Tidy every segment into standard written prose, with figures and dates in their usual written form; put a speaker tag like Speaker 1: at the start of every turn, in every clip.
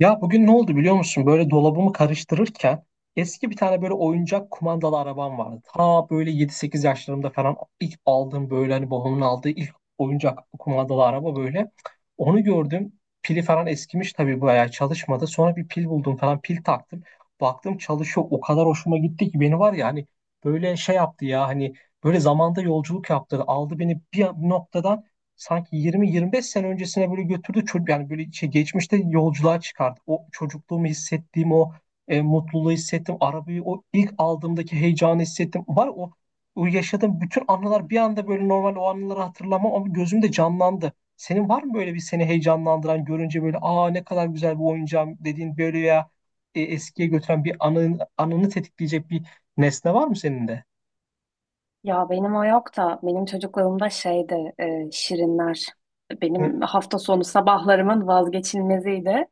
Speaker 1: Ya bugün ne oldu biliyor musun? Böyle dolabımı karıştırırken eski bir tane böyle oyuncak kumandalı arabam vardı. Ta böyle yedi sekiz yaşlarımda falan ilk aldığım böyle hani babamın aldığı ilk oyuncak kumandalı araba böyle. Onu gördüm. Pili falan eskimiş tabii bayağı çalışmadı. Sonra bir pil buldum falan pil taktım. Baktım çalışıyor. O kadar hoşuma gitti ki beni var ya hani böyle şey yaptı ya hani böyle zamanda yolculuk yaptı. Aldı beni bir noktadan sanki 20-25 sene öncesine böyle götürdü çocuk yani böyle şey geçmişte yolculuğa çıkardı. O çocukluğumu hissettiğim o mutluluğu hissettim. Arabayı o ilk aldığımdaki heyecanı hissettim. Var o yaşadığım bütün anılar bir anda böyle normal o anıları hatırlamam ama gözümde canlandı. Senin var mı böyle bir seni heyecanlandıran görünce böyle aa ne kadar güzel bu oyuncağım dediğin böyle ya eskiye götüren bir anını tetikleyecek bir nesne var mı senin de?
Speaker 2: Ya benim o yok da benim çocukluğumda şeydi, şirinler.
Speaker 1: Hı,
Speaker 2: Benim hafta sonu sabahlarımın vazgeçilmeziydi.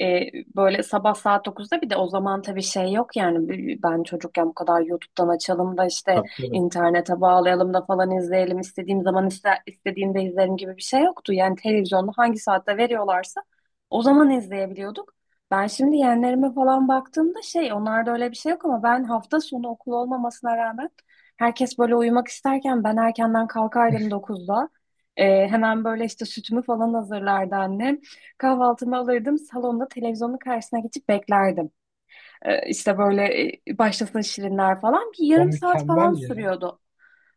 Speaker 2: E, Böyle sabah saat dokuzda, bir de o zaman tabii şey yok yani, ben çocukken bu kadar YouTube'dan açalım da işte
Speaker 1: tabii tabii.
Speaker 2: internete bağlayalım da falan izleyelim istediğim zaman istediğimde izlerim gibi bir şey yoktu. Yani televizyonda hangi saatte veriyorlarsa o zaman izleyebiliyorduk. Ben şimdi yeğenlerime falan baktığımda şey onlarda öyle bir şey yok, ama ben hafta sonu okul olmamasına rağmen herkes böyle uyumak isterken ben erkenden kalkardım 9'da. Hemen böyle işte sütümü falan hazırlardı annem. Kahvaltımı alırdım salonda televizyonun karşısına geçip beklerdim. İşte böyle, başlasın şirinler falan, bir
Speaker 1: O
Speaker 2: yarım saat
Speaker 1: mükemmel
Speaker 2: falan
Speaker 1: ya.
Speaker 2: sürüyordu.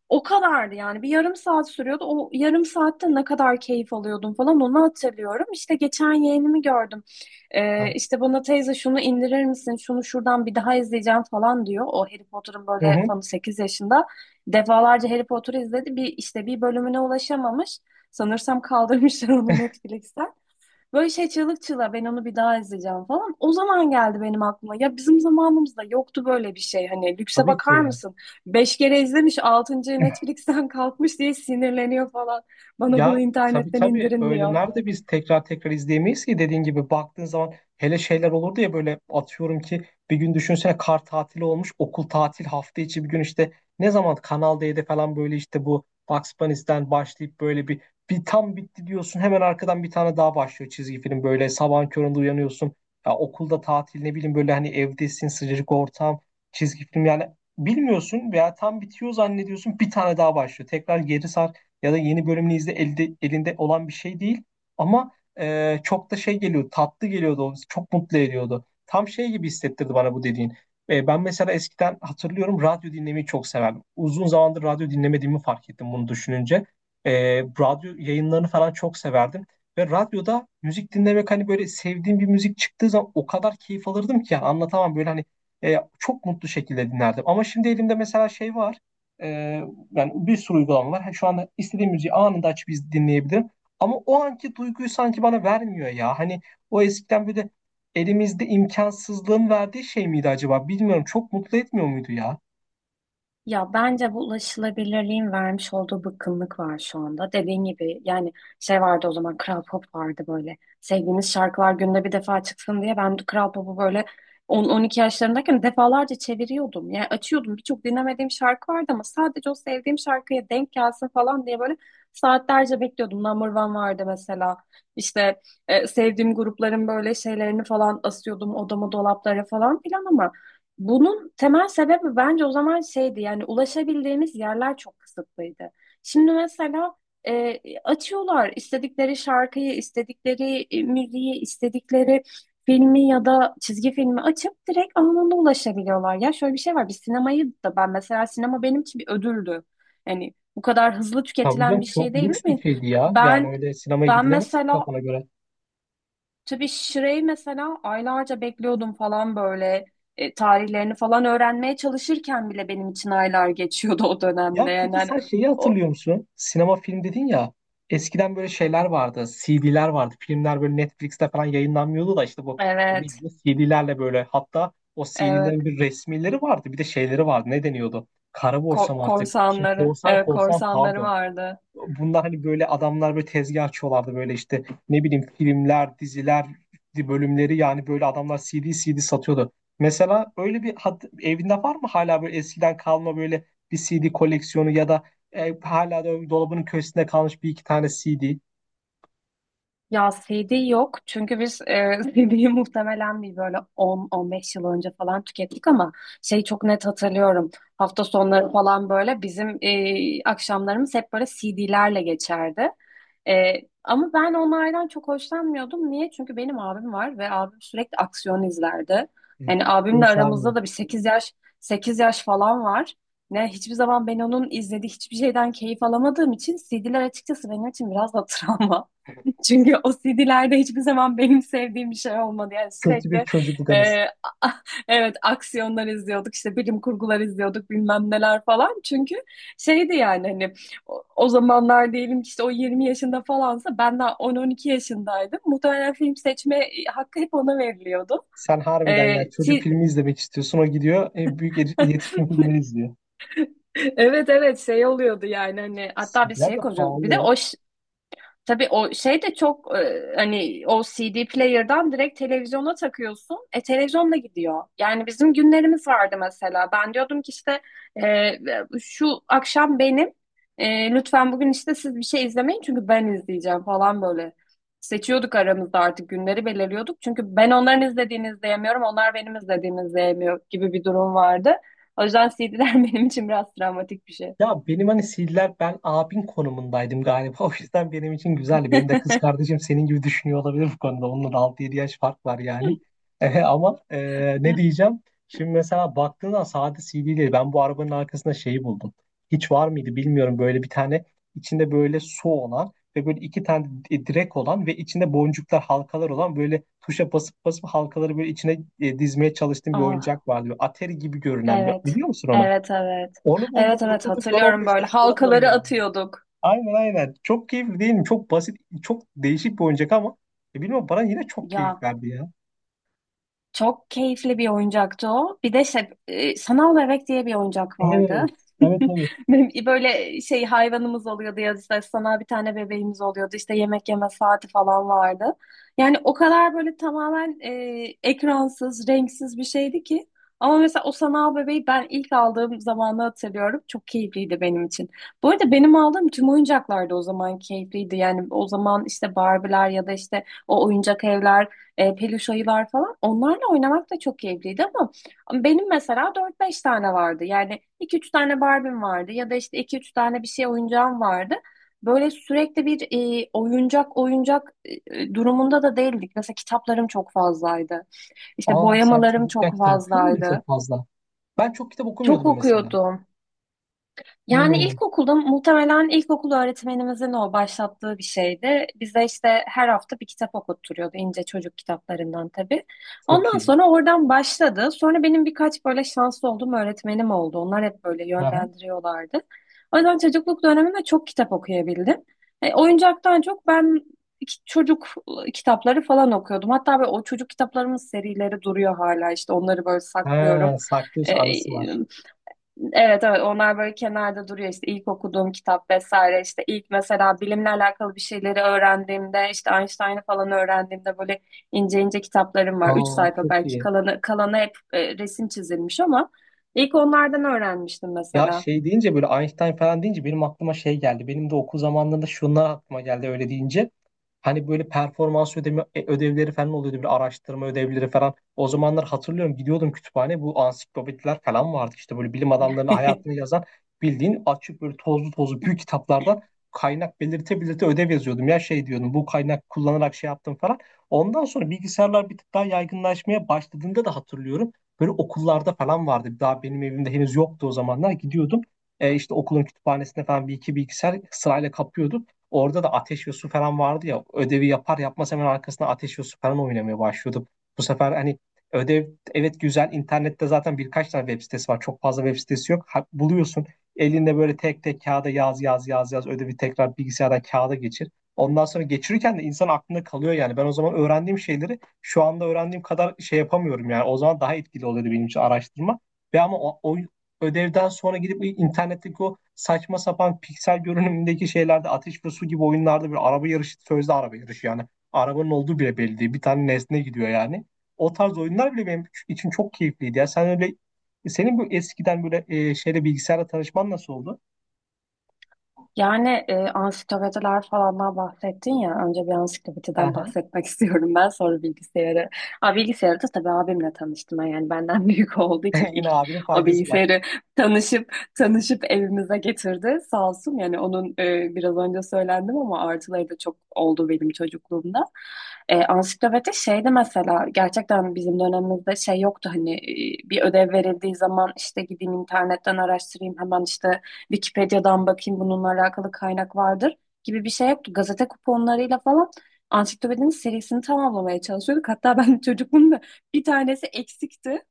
Speaker 2: O kadardı yani, bir yarım saat sürüyordu. O yarım saatte ne kadar keyif alıyordum falan onu hatırlıyorum. İşte geçen yeğenimi gördüm.
Speaker 1: Yani
Speaker 2: İşte bana teyze şunu indirir misin, şunu şuradan bir daha izleyeceğim falan diyor. O Harry Potter'ın
Speaker 1: hı
Speaker 2: böyle
Speaker 1: hı,
Speaker 2: fanı, 8 yaşında. Defalarca Harry Potter izledi. Bir işte bir bölümüne ulaşamamış. Sanırsam kaldırmışlar onu Netflix'ten. Böyle şey çığlık çığlığa, ben onu bir daha izleyeceğim falan. O zaman geldi benim aklıma. Ya bizim zamanımızda yoktu böyle bir şey. Hani lükse
Speaker 1: tabii
Speaker 2: bakar
Speaker 1: ki.
Speaker 2: mısın? Beş kere izlemiş, altıncı Netflix'ten kalkmış diye sinirleniyor falan. Bana bunu
Speaker 1: Ya tabii
Speaker 2: internetten
Speaker 1: tabii
Speaker 2: indirin
Speaker 1: öyle
Speaker 2: diyor.
Speaker 1: nerede biz tekrar tekrar izleyemeyiz ki dediğin gibi baktığın zaman hele şeyler olurdu ya böyle atıyorum ki bir gün düşünsene kar tatili olmuş okul tatil hafta içi bir gün işte ne zaman Kanal D'de falan böyle işte bu Bugs Bunny'den başlayıp böyle bir tam bitti diyorsun hemen arkadan bir tane daha başlıyor çizgi film böyle sabahın köründe uyanıyorsun ya okulda tatil ne bileyim böyle hani evdesin sıcacık ortam çizgi film yani bilmiyorsun veya tam bitiyor zannediyorsun bir tane daha başlıyor tekrar geri sarkıyor ya da yeni bölümünü izle elinde olan bir şey değil. Ama çok da şey geliyor, tatlı geliyordu, çok mutlu ediyordu. Tam şey gibi hissettirdi bana bu dediğin. Ben mesela eskiden hatırlıyorum radyo dinlemeyi çok severdim. Uzun zamandır radyo dinlemediğimi fark ettim bunu düşününce. Radyo yayınlarını falan çok severdim. Ve radyoda müzik dinlemek hani böyle sevdiğim bir müzik çıktığı zaman o kadar keyif alırdım ki yani anlatamam böyle hani çok mutlu şekilde dinlerdim. Ama şimdi elimde mesela şey var. E, Yani bir sürü uygulama var. Şu anda istediğim müziği anında açıp dinleyebilirim. Ama o anki duyguyu sanki bana vermiyor ya. Hani o eskiden böyle elimizde imkansızlığın verdiği şey miydi acaba? Bilmiyorum. Çok mutlu etmiyor muydu ya?
Speaker 2: Ya bence bu ulaşılabilirliğin vermiş olduğu bıkkınlık var şu anda. Dediğin gibi yani, şey vardı o zaman, Kral Pop vardı böyle. Sevdiğiniz şarkılar günde bir defa çıksın diye ben Kral Pop'u böyle 10-12 yaşlarındayken defalarca çeviriyordum. Yani açıyordum, birçok dinlemediğim şarkı vardı ama sadece o sevdiğim şarkıya denk gelsin falan diye böyle saatlerce bekliyordum. Number One vardı mesela. İşte sevdiğim grupların böyle şeylerini falan asıyordum odama, dolaplara falan filan, ama bunun temel sebebi bence o zaman şeydi, yani ulaşabildiğimiz yerler çok kısıtlıydı. Şimdi mesela açıyorlar istedikleri şarkıyı, istedikleri müziği, istedikleri filmi ya da çizgi filmi açıp direkt anında ulaşabiliyorlar. Ya şöyle bir şey var, bir sinemayı da ben mesela, sinema benim için bir ödüldü. Yani bu kadar hızlı
Speaker 1: Tabii
Speaker 2: tüketilen
Speaker 1: canım
Speaker 2: bir şey
Speaker 1: çok
Speaker 2: değil
Speaker 1: lüks bir
Speaker 2: mi?
Speaker 1: şeydi ya. Yani
Speaker 2: Ben
Speaker 1: öyle sinemaya
Speaker 2: ben
Speaker 1: gidilemez
Speaker 2: mesela
Speaker 1: kafana göre.
Speaker 2: tabii Şire'yi mesela aylarca bekliyordum falan böyle. Tarihlerini falan öğrenmeye çalışırken bile benim için aylar geçiyordu o
Speaker 1: Ya
Speaker 2: dönemde. Yani
Speaker 1: peki
Speaker 2: hani
Speaker 1: sen şeyi
Speaker 2: o,
Speaker 1: hatırlıyor musun? Sinema film dedin ya. Eskiden böyle şeyler vardı. CD'ler vardı. Filmler böyle Netflix'te falan yayınlanmıyordu da işte bu
Speaker 2: evet,
Speaker 1: video CD'lerle böyle hatta o
Speaker 2: evet.
Speaker 1: CD'lerin bir resmileri vardı. Bir de şeyleri vardı. Ne deniyordu? Kara borsa mı artık? Şey,
Speaker 2: Korsanları,
Speaker 1: korsan
Speaker 2: evet,
Speaker 1: korsan
Speaker 2: korsanları
Speaker 1: pardon,
Speaker 2: vardı.
Speaker 1: bunlar hani böyle adamlar böyle tezgah açıyorlardı böyle işte ne bileyim filmler, diziler bölümleri yani böyle adamlar CD CD satıyordu. Mesela öyle bir evinde var mı hala böyle eskiden kalma böyle bir CD koleksiyonu ya da hala da dolabının köşesinde kalmış bir iki tane CD?
Speaker 2: Ya CD yok, çünkü biz CD'yi muhtemelen bir böyle on on beş yıl önce falan tükettik, ama şey çok net hatırlıyorum. Hafta sonları falan böyle bizim akşamlarımız hep böyle CD'lerle geçerdi. E, Ama ben onlardan çok hoşlanmıyordum. Niye? Çünkü benim abim var ve abim sürekli aksiyon izlerdi. Yani
Speaker 1: Seni
Speaker 2: abimle aramızda
Speaker 1: sarmıyorum.
Speaker 2: da bir sekiz yaş falan var. Ne hiçbir zaman ben onun izlediği hiçbir şeyden keyif alamadığım için, CD'ler açıkçası benim için biraz da travma. Çünkü o CD'lerde hiçbir zaman benim sevdiğim bir şey olmadı. Yani
Speaker 1: Kötü
Speaker 2: sürekli
Speaker 1: bir çocukluk
Speaker 2: e,
Speaker 1: anısı.
Speaker 2: evet, aksiyonlar izliyorduk, işte bilim kurgular izliyorduk, bilmem neler falan. Çünkü şeydi yani hani, o zamanlar diyelim ki, işte o 20 yaşında falansa ben daha 10-12 yaşındaydım. Muhtemelen film seçme hakkı hep ona veriliyordu.
Speaker 1: Sen harbiden
Speaker 2: E,
Speaker 1: ya çocuk
Speaker 2: ti-
Speaker 1: filmi izlemek istiyorsun. O gidiyor büyük yetişkin filmleri izliyor.
Speaker 2: Evet, evet, şey oluyordu yani hani, hatta bir
Speaker 1: CD'ler
Speaker 2: şey
Speaker 1: de
Speaker 2: koyuyor. Bir de
Speaker 1: pahalı.
Speaker 2: o, tabii o şey de çok, hani o CD player'dan direkt televizyona takıyorsun. Televizyonla gidiyor. Yani bizim günlerimiz vardı mesela. Ben diyordum ki işte, e, şu akşam benim, lütfen bugün işte siz bir şey izlemeyin çünkü ben izleyeceğim falan böyle. Seçiyorduk aramızda, artık günleri belirliyorduk. Çünkü ben onların izlediğini izleyemiyorum, onlar benim izlediğimi izleyemiyor gibi bir durum vardı. O yüzden CD'ler benim için biraz travmatik bir şey.
Speaker 1: Ya benim hani CD'ler ben abin konumundaydım galiba. O yüzden benim için güzeldi. Benim de kız kardeşim senin gibi düşünüyor olabilir bu konuda. Onunla da 6-7 yaş fark var yani. Eh, ama eh, ne diyeceğim? Şimdi mesela baktığında sade CD değil. Ben bu arabanın arkasında şeyi buldum. Hiç var mıydı bilmiyorum. Böyle bir tane içinde böyle su olan ve böyle iki tane direk olan ve içinde boncuklar halkalar olan böyle tuşa basıp basıp halkaları böyle içine eh, dizmeye çalıştığım bir
Speaker 2: Ah.
Speaker 1: oyuncak vardı. Böyle Atari gibi görünen bir,
Speaker 2: Evet.
Speaker 1: biliyor musun onu?
Speaker 2: Evet, evet.
Speaker 1: Onu buldum
Speaker 2: Evet, evet,
Speaker 1: oturduk ben
Speaker 2: hatırlıyorum,
Speaker 1: 15
Speaker 2: böyle
Speaker 1: dakika onunla
Speaker 2: halkaları
Speaker 1: oynadım.
Speaker 2: atıyorduk.
Speaker 1: Aynen aynen. Çok keyifli değil mi? Çok basit, çok değişik bir oyuncak ama bilmiyorum bana yine çok keyif
Speaker 2: Ya,
Speaker 1: verdi ya.
Speaker 2: çok keyifli bir oyuncaktı o. Bir de şey, sanal bebek diye bir oyuncak vardı.
Speaker 1: Evet, evet, evet.
Speaker 2: Benim böyle şey hayvanımız oluyordu ya, işte sanal bir tane bebeğimiz oluyordu. İşte yemek yeme saati falan vardı. Yani o kadar böyle tamamen ekransız, renksiz bir şeydi ki. Ama mesela o sanal bebeği ben ilk aldığım zamanı hatırlıyorum. Çok keyifliydi benim için. Bu arada benim aldığım tüm oyuncaklar da o zaman keyifliydi. Yani o zaman işte Barbie'ler ya da işte o oyuncak evler, peluş ayılar falan. Onlarla oynamak da çok keyifliydi, ama benim mesela dört beş tane vardı. Yani iki üç tane Barbie'm vardı, ya da işte iki üç tane bir şey oyuncağım vardı. Böyle sürekli bir oyuncak oyuncak durumunda da değildik. Mesela kitaplarım çok fazlaydı. İşte
Speaker 1: Aa sen
Speaker 2: boyamalarım
Speaker 1: çocukken
Speaker 2: çok
Speaker 1: kitap okuyor muydun
Speaker 2: fazlaydı.
Speaker 1: çok fazla? Ben çok kitap
Speaker 2: Çok
Speaker 1: okumuyordum mesela.
Speaker 2: okuyordum. Yani
Speaker 1: Hmm,
Speaker 2: ilkokulda, muhtemelen ilkokul öğretmenimizin o başlattığı bir şeydi. Bize işte her hafta bir kitap okutturuyordu, ince çocuk kitaplarından tabii.
Speaker 1: çok
Speaker 2: Ondan
Speaker 1: iyi.
Speaker 2: sonra oradan başladı. Sonra benim birkaç böyle şanslı olduğum öğretmenim oldu. Onlar hep böyle
Speaker 1: Aha.
Speaker 2: yönlendiriyorlardı. O yüzden çocukluk döneminde çok kitap okuyabildim. Oyuncaktan çok ben çocuk kitapları falan okuyordum. Hatta böyle o çocuk kitaplarımın serileri duruyor hala, işte onları böyle
Speaker 1: Ha,
Speaker 2: saklıyorum. E,
Speaker 1: saklıyorsa anısı var.
Speaker 2: Evet, evet, onlar böyle kenarda duruyor, işte ilk okuduğum kitap vesaire, işte ilk mesela bilimle alakalı bir şeyleri öğrendiğimde, işte Einstein'ı falan öğrendiğimde böyle ince ince kitaplarım var. Üç
Speaker 1: Aa
Speaker 2: sayfa
Speaker 1: çok
Speaker 2: belki,
Speaker 1: iyi.
Speaker 2: kalanı hep resim çizilmiş, ama ilk onlardan öğrenmiştim
Speaker 1: Ya
Speaker 2: mesela.
Speaker 1: şey deyince böyle Einstein falan deyince benim aklıma şey geldi. Benim de okul zamanlarında şunlar aklıma geldi öyle deyince. Hani böyle performans ödeme, ödevleri falan oluyordu. Bir araştırma ödevleri falan. O zamanlar hatırlıyorum gidiyordum kütüphane. Bu ansiklopediler falan vardı. İşte böyle bilim adamlarının hayatını yazan bildiğin açık böyle tozlu tozlu büyük kitaplardan kaynak belirte belirte ödev yazıyordum. Ya şey diyordum bu kaynak kullanarak şey yaptım falan. Ondan sonra bilgisayarlar bir tık daha yaygınlaşmaya başladığında da hatırlıyorum. Böyle okullarda falan vardı. Daha benim evimde henüz yoktu o zamanlar. Gidiyordum. İşte okulun kütüphanesinde falan bir iki bilgisayar sırayla kapıyordum. Orada da ateş ve su falan vardı ya. Ödevi yapar yapmaz hemen arkasına ateş ve su falan oynamaya başlıyordum. Bu sefer hani ödev, evet güzel. İnternette zaten birkaç tane web sitesi var. Çok fazla web sitesi yok. Ha, buluyorsun. Elinde böyle tek tek kağıda yaz yaz yaz yaz ödevi tekrar bilgisayardan kağıda geçir. Ondan sonra geçirirken de insan aklında kalıyor yani. Ben o zaman öğrendiğim şeyleri şu anda öğrendiğim kadar şey yapamıyorum yani. O zaman daha etkili oluyordu benim için araştırma. Ve ama o ödevden sonra gidip internetteki o saçma sapan piksel görünümündeki şeylerde ateş ve su gibi oyunlarda bir araba yarışı sözde araba yarışı yani. Arabanın olduğu bile belli değil. Bir tane nesne gidiyor yani. O tarz oyunlar bile benim için çok keyifliydi. Ya sen öyle senin bu eskiden böyle şeyle bilgisayarla tanışman nasıl oldu?
Speaker 2: Yani, ansiklopediler falandan bahsettin ya. Önce bir
Speaker 1: Hı
Speaker 2: ansiklopediden
Speaker 1: hı.
Speaker 2: bahsetmek istiyorum ben. Sonra bilgisayarı. Aa, bilgisayarı da tabii abimle tanıştım. Yani benden büyük olduğu için ilk
Speaker 1: Yine abinin
Speaker 2: o
Speaker 1: faydası var.
Speaker 2: bilgisayarı tanışıp tanışıp evimize getirdi. Sağ olsun, yani onun, biraz önce söylendim ama artıları da çok oldu benim çocukluğumda. Ansiklopedi şeydi mesela, gerçekten bizim dönemimizde şey yoktu hani, bir ödev verildiği zaman işte gideyim internetten araştırayım, hemen işte Wikipedia'dan bakayım bununla alakalı kaynak vardır gibi bir şey yoktu. Gazete kuponlarıyla falan ansiklopedinin serisini tamamlamaya çalışıyorduk. Hatta ben çocukluğumda bir tanesi eksikti.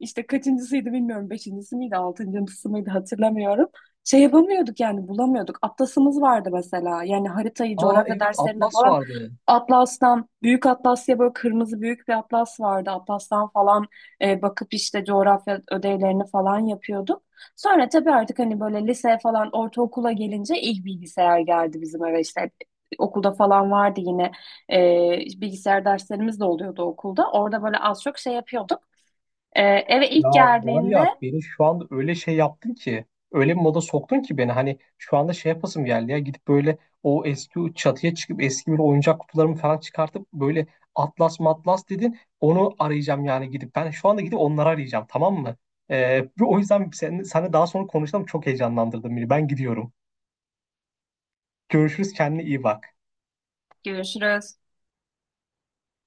Speaker 2: İşte kaçıncısıydı bilmiyorum. Beşincisi miydi, altıncısı mıydı hatırlamıyorum. Şey yapamıyorduk yani, bulamıyorduk. Atlasımız vardı mesela. Yani haritayı
Speaker 1: Aa
Speaker 2: coğrafya
Speaker 1: evet
Speaker 2: derslerinde
Speaker 1: Atlas
Speaker 2: falan
Speaker 1: vardı.
Speaker 2: Atlas'tan, Büyük Atlas diye böyle kırmızı büyük bir atlas vardı. Atlas'tan falan bakıp işte coğrafya ödevlerini falan yapıyorduk. Sonra tabii artık hani böyle liseye falan, ortaokula gelince ilk bilgisayar geldi bizim eve işte. Okulda falan vardı yine, bilgisayar derslerimiz de oluyordu okulda. Orada böyle az çok şey yapıyorduk. Ee, Eve
Speaker 1: Ya
Speaker 2: ilk
Speaker 1: var ya
Speaker 2: geldiğinde
Speaker 1: beni şu anda öyle şey yaptın ki öyle bir moda soktun ki beni hani şu anda şey yapasım geldi ya gidip böyle o eski o çatıya çıkıp eski bir oyuncak kutularımı falan çıkartıp böyle atlas matlas dedin onu arayacağım yani gidip ben şu anda gidip onları arayacağım tamam mı? O yüzden seninle daha sonra konuşalım çok heyecanlandırdın beni ben gidiyorum. Görüşürüz kendine iyi bak.
Speaker 2: görüşürüz.